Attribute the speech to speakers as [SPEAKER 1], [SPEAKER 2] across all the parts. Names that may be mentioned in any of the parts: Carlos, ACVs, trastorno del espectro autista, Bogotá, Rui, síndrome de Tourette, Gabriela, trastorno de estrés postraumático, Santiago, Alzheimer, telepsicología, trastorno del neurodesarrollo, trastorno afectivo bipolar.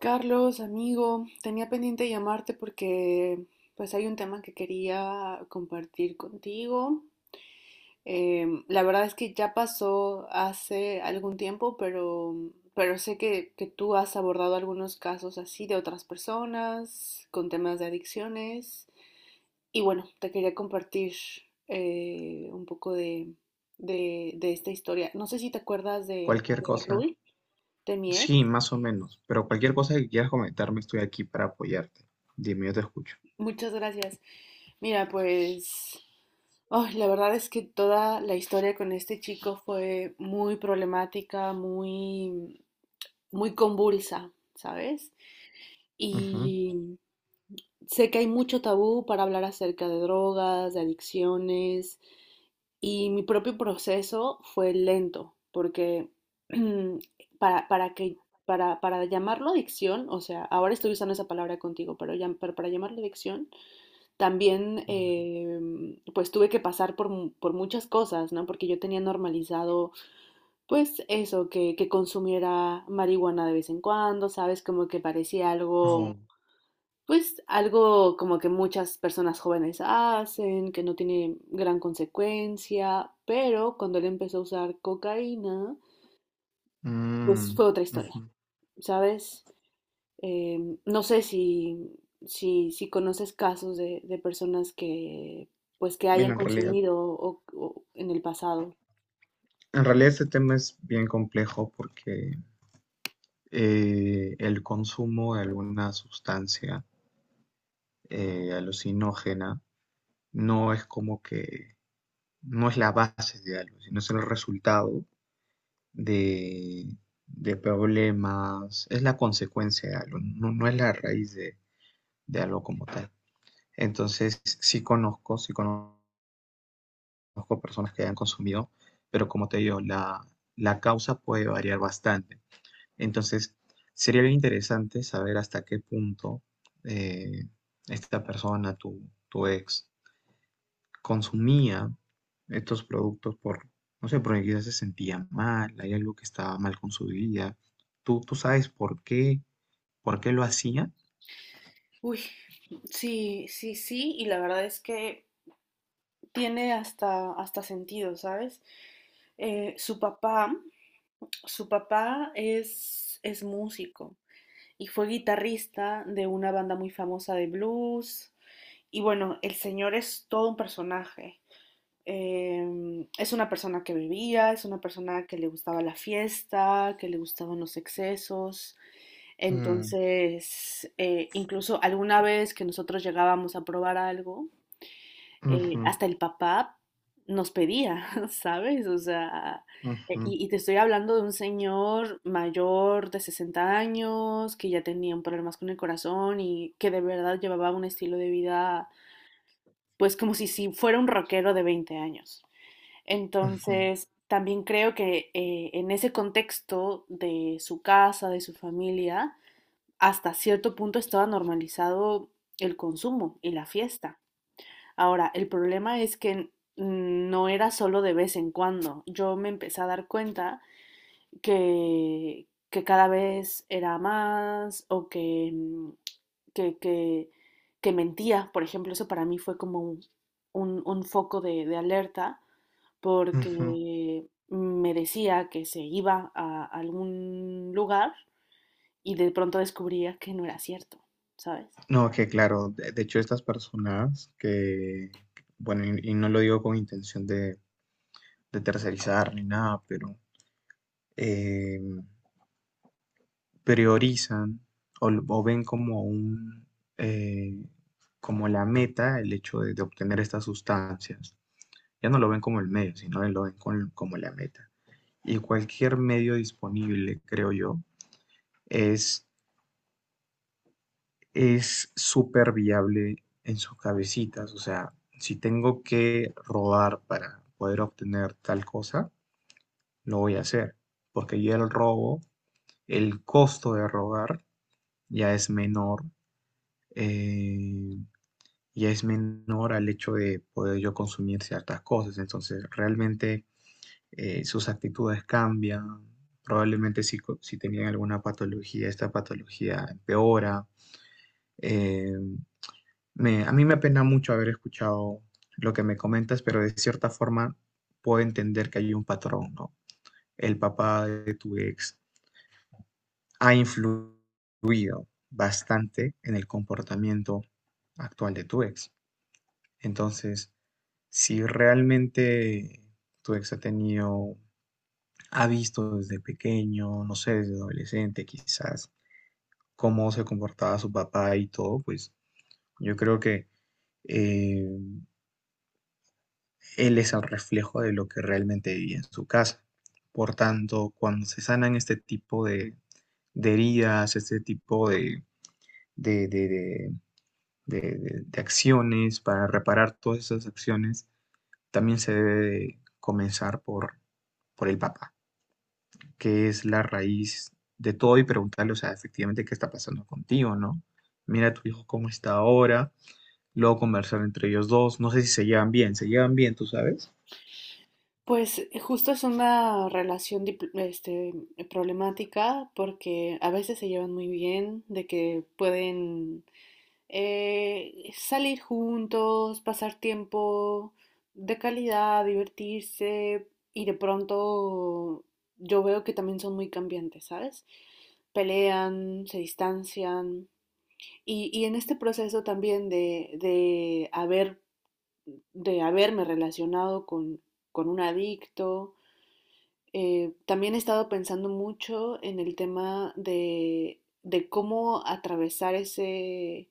[SPEAKER 1] Carlos, amigo, tenía pendiente llamarte porque pues hay un tema que quería compartir contigo. La verdad es que ya pasó hace algún tiempo, pero sé que tú has abordado algunos casos así de otras personas con temas de adicciones. Y bueno, te quería compartir un poco de esta historia. No sé si te acuerdas de,
[SPEAKER 2] Cualquier
[SPEAKER 1] de
[SPEAKER 2] cosa.
[SPEAKER 1] Rui, de mi ex.
[SPEAKER 2] Sí, más o menos. Pero cualquier cosa que quieras comentarme, estoy aquí para apoyarte. Dime, yo te escucho.
[SPEAKER 1] Muchas gracias. Mira, pues... Ay, la verdad es que toda la historia con este chico fue muy problemática, muy, muy convulsa, ¿sabes?
[SPEAKER 2] Ujú.
[SPEAKER 1] Y sé que hay mucho tabú para hablar acerca de drogas, de adicciones, y mi propio proceso fue lento, porque para, para que, para llamarlo adicción, o sea, ahora estoy usando esa palabra contigo, pero, pero para llamarlo adicción, también
[SPEAKER 2] Ujú.
[SPEAKER 1] pues tuve que pasar por, por muchas cosas, ¿no? Porque yo tenía normalizado pues eso, que consumiera marihuana de vez en cuando, ¿sabes? Como que parecía algo,
[SPEAKER 2] Oh.
[SPEAKER 1] pues algo como que muchas personas jóvenes hacen, que no tiene gran consecuencia, pero cuando él empezó a usar cocaína, pues
[SPEAKER 2] Mm,
[SPEAKER 1] fue otra historia,
[SPEAKER 2] ujú.
[SPEAKER 1] ¿sabes? No sé si conoces casos de personas que pues que
[SPEAKER 2] Mira,
[SPEAKER 1] hayan consumido o en el pasado.
[SPEAKER 2] en realidad este tema es bien complejo porque el consumo de alguna sustancia alucinógena no es como que, no es la base de algo, sino es el resultado de, de problemas, es la consecuencia de algo, no, no es la raíz de algo como tal. Entonces, sí conozco personas que hayan consumido, pero como te digo, la causa puede variar bastante. Entonces, sería bien interesante saber hasta qué punto eh, esta persona, tu ex, consumía estos productos por, no sé, porque quizás se sentía mal, hay algo que estaba mal con su vida. ¿ tú sabes por qué lo hacía?
[SPEAKER 1] Uy, sí, sí, sí, y la verdad es que tiene hasta, hasta sentido, ¿sabes? Su papá, su papá es músico y fue guitarrista de una banda muy famosa de blues. Y bueno, el señor es todo un personaje. Es una persona que bebía, es una persona que le gustaba la fiesta, que le gustaban los excesos.
[SPEAKER 2] Mm,
[SPEAKER 1] Entonces, incluso alguna vez que nosotros llegábamos a probar algo,
[SPEAKER 2] ujú,
[SPEAKER 1] hasta el papá nos pedía, ¿sabes? O sea,
[SPEAKER 2] ujú,
[SPEAKER 1] y te estoy hablando de un señor mayor de 60 años que ya tenía un problemas con el corazón y que de verdad llevaba un estilo de vida, pues como si fuera un rockero de 20 años.
[SPEAKER 2] ujú,
[SPEAKER 1] Entonces, también creo que en ese contexto de su casa, de su familia, hasta cierto punto estaba normalizado el consumo y la fiesta. Ahora, el problema es que no era solo de vez en cuando. Yo me empecé a dar cuenta que cada vez era más o que, mm, que, que, que mentía. Por ejemplo, eso para mí fue como un, un foco de alerta
[SPEAKER 2] ujú.
[SPEAKER 1] porque me decía que se iba a algún lugar y de pronto descubría que no era cierto, ¿sabes?
[SPEAKER 2] No, que claro, de hecho estas personas que, bueno, y no lo digo con intención de tercerizar ni nada, pero eh, priorizan o, o ven como un, eh, como la meta el hecho de obtener estas sustancias. Ya no lo ven como el medio, sino lo ven como la meta. Y cualquier medio disponible, creo yo, es es súper viable en sus cabecitas. O sea, si tengo que robar para poder obtener tal cosa, lo voy a hacer. Porque ya el robo, el costo de robar ya es menor, eh, ya es menor al hecho de poder yo consumir ciertas cosas. Entonces, realmente sus actitudes cambian. Probablemente si, si tenían alguna patología, esta patología empeora. Eh, a mí me apena mucho haber escuchado lo que me comentas, pero de cierta forma puedo entender que hay un patrón, ¿no? El papá de tu ex ha influido bastante en el comportamiento actual de tu ex. Entonces, si realmente tu ex ha tenido, ha visto desde pequeño, no sé, desde adolescente quizás, cómo se comportaba su papá y todo, pues yo creo que eh, él es el reflejo de lo que realmente vivía en su casa. Por tanto, cuando se sanan este tipo de heridas, este tipo de, de, de de acciones, para reparar todas esas acciones, también se debe de comenzar por el papá, que es la raíz de todo y preguntarle, o sea, efectivamente, ¿qué está pasando contigo, no? Mira a tu hijo cómo está ahora, luego conversar entre ellos dos, no sé si se llevan bien, ¿se llevan bien, tú sabes?
[SPEAKER 1] Pues justo es una relación problemática porque a veces se llevan muy bien, de que pueden salir juntos, pasar tiempo de calidad, divertirse y de pronto yo veo que también son muy cambiantes, ¿sabes? Pelean, se distancian. Y en este proceso también de haberme relacionado con un adicto, también he estado pensando mucho en el tema de cómo atravesar ese,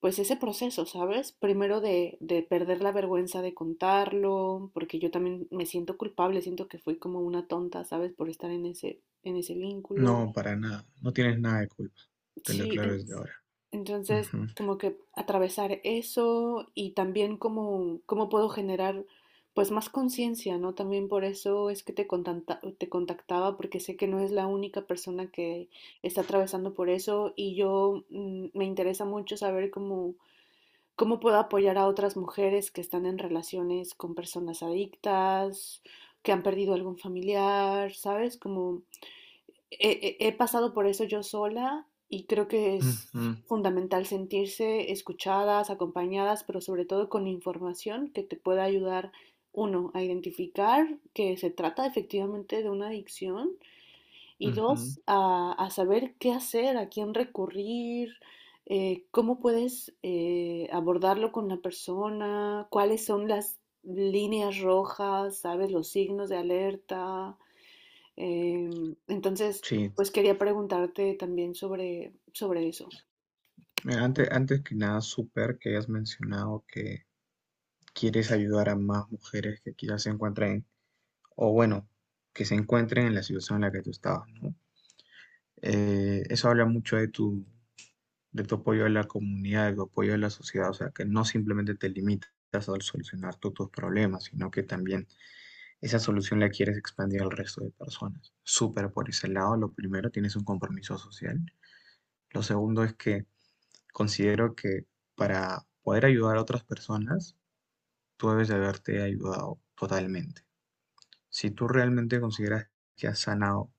[SPEAKER 1] pues ese proceso, ¿sabes? Primero perder la vergüenza de contarlo, porque yo también me siento culpable, siento que fui como una tonta, ¿sabes? Por estar en ese vínculo.
[SPEAKER 2] No, para nada. No tienes nada de culpa. Te lo
[SPEAKER 1] Sí,
[SPEAKER 2] aclaro desde ahora.
[SPEAKER 1] entonces,
[SPEAKER 2] Ujú,
[SPEAKER 1] como que atravesar eso y también cómo, cómo puedo generar pues más conciencia, ¿no? También por eso es que te contactaba, porque sé que no es la única persona que está atravesando por eso y yo me interesa mucho saber cómo, cómo puedo apoyar a otras mujeres que están en relaciones con personas adictas, que han perdido algún familiar, ¿sabes? Como he pasado por eso yo sola y creo que es
[SPEAKER 2] ujú,
[SPEAKER 1] fundamental sentirse escuchadas, acompañadas, pero sobre todo con información que te pueda ayudar, uno, a identificar que se trata efectivamente de una adicción y
[SPEAKER 2] ujú.
[SPEAKER 1] dos, a saber qué hacer, a quién recurrir. Cómo puedes abordarlo con la persona, cuáles son las líneas rojas, sabes, los signos de alerta. Entonces,
[SPEAKER 2] Sí.
[SPEAKER 1] pues quería preguntarte también sobre, sobre eso.
[SPEAKER 2] Mira, antes que nada, súper que hayas mencionado que quieres ayudar a más mujeres que quizás se encuentren, o bueno, que se encuentren en la situación en la que tú estabas, ¿no? Eso habla mucho de tu apoyo a la comunidad, de tu apoyo a la sociedad, o sea, que no simplemente te limitas a solucionar tú tus problemas, sino que también esa solución la quieres expandir al resto de personas. Súper por ese lado, lo primero, tienes un compromiso social. Lo segundo es que considero que para poder ayudar a otras personas, tú debes de haberte ayudado totalmente. Si tú realmente consideras que has sanado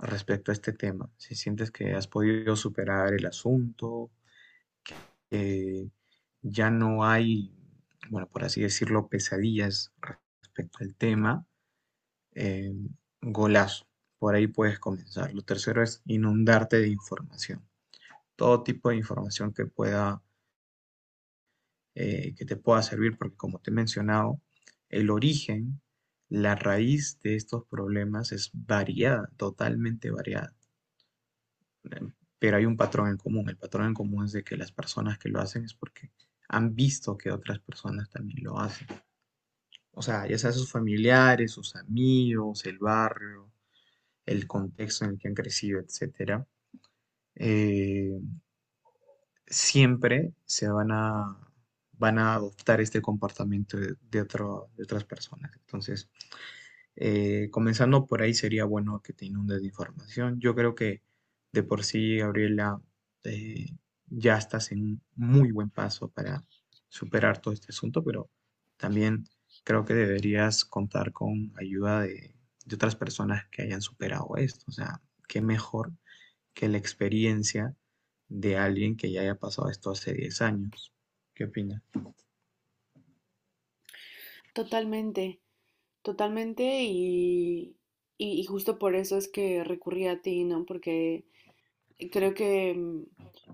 [SPEAKER 2] respecto a este tema, si sientes que has podido superar el asunto, eh, ya no hay, bueno, por así decirlo, pesadillas respecto al tema, eh, golazo. Por ahí puedes comenzar. Lo tercero es inundarte de información. Todo tipo de información que pueda, que te pueda servir, porque como te he mencionado, el origen, la raíz de estos problemas es variada, totalmente variada. Pero hay un patrón en común. El patrón en común es de que las personas que lo hacen es porque han visto que otras personas también lo hacen. O sea, ya sea sus familiares, sus amigos, el barrio, el contexto en el que han crecido, etcétera, eh, siempre se van a, van a adoptar este comportamiento de, de otras personas. Entonces, comenzando por ahí sería bueno que te inundes de información. Yo creo que de por sí, Gabriela, eh, ya estás en un muy buen paso para superar todo este asunto, pero también creo que deberías contar con ayuda de otras personas que hayan superado esto. O sea, qué mejor que la experiencia de alguien que ya haya pasado esto hace 10 años. ¿Qué opinas?
[SPEAKER 1] Totalmente, totalmente y justo por eso es que recurrí a ti, ¿no? Porque creo que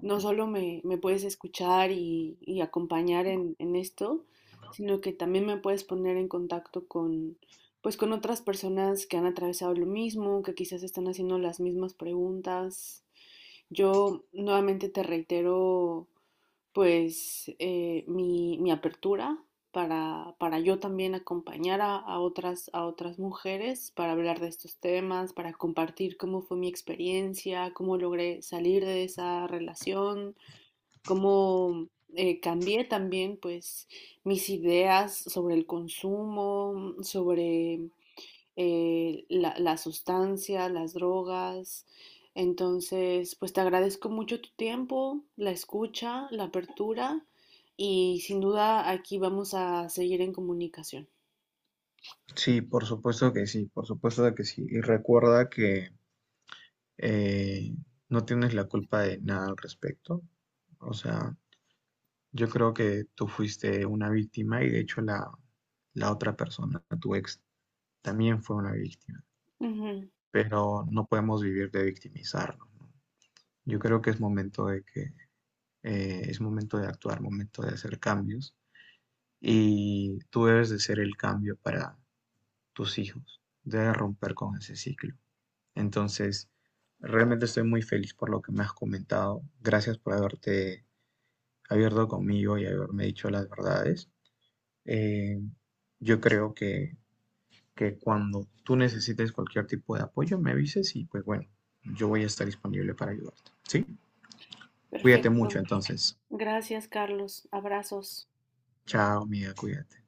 [SPEAKER 1] no solo me, me puedes escuchar y acompañar en esto, sino que también me puedes poner en contacto con, pues con otras personas que han atravesado lo mismo, que quizás están haciendo las mismas preguntas. Yo nuevamente te reitero pues mi apertura para yo también acompañar a otras mujeres para hablar de estos temas, para compartir cómo fue mi experiencia, cómo logré salir de esa relación, cómo cambié también pues mis ideas sobre el consumo, sobre la sustancia, las drogas. Entonces, pues te agradezco mucho tu tiempo, la escucha, la apertura y sin duda aquí vamos a seguir en comunicación.
[SPEAKER 2] Sí, por supuesto que sí, por supuesto que sí. Y recuerda que eh, no tienes la culpa de nada al respecto. O sea, yo creo que tú fuiste una víctima y de hecho la, la otra persona, tu ex, también fue una víctima.
[SPEAKER 1] Ujú,
[SPEAKER 2] Pero no podemos vivir de victimizarnos. ¿No? Yo creo que es momento de que es momento de actuar, momento de hacer cambios y tú debes de ser el cambio para tus hijos, debes romper con ese ciclo. Entonces, realmente estoy muy feliz por lo que me has comentado. Gracias por haberte abierto conmigo y haberme dicho las verdades. Eh, yo creo que cuando tú necesites cualquier tipo de apoyo, me avises y pues bueno, yo voy a estar disponible para ayudarte. ¿Sí? Cuídate mucho
[SPEAKER 1] perfecto.
[SPEAKER 2] entonces.
[SPEAKER 1] Gracias, Carlos. Abrazos.
[SPEAKER 2] Chao, amiga, cuídate.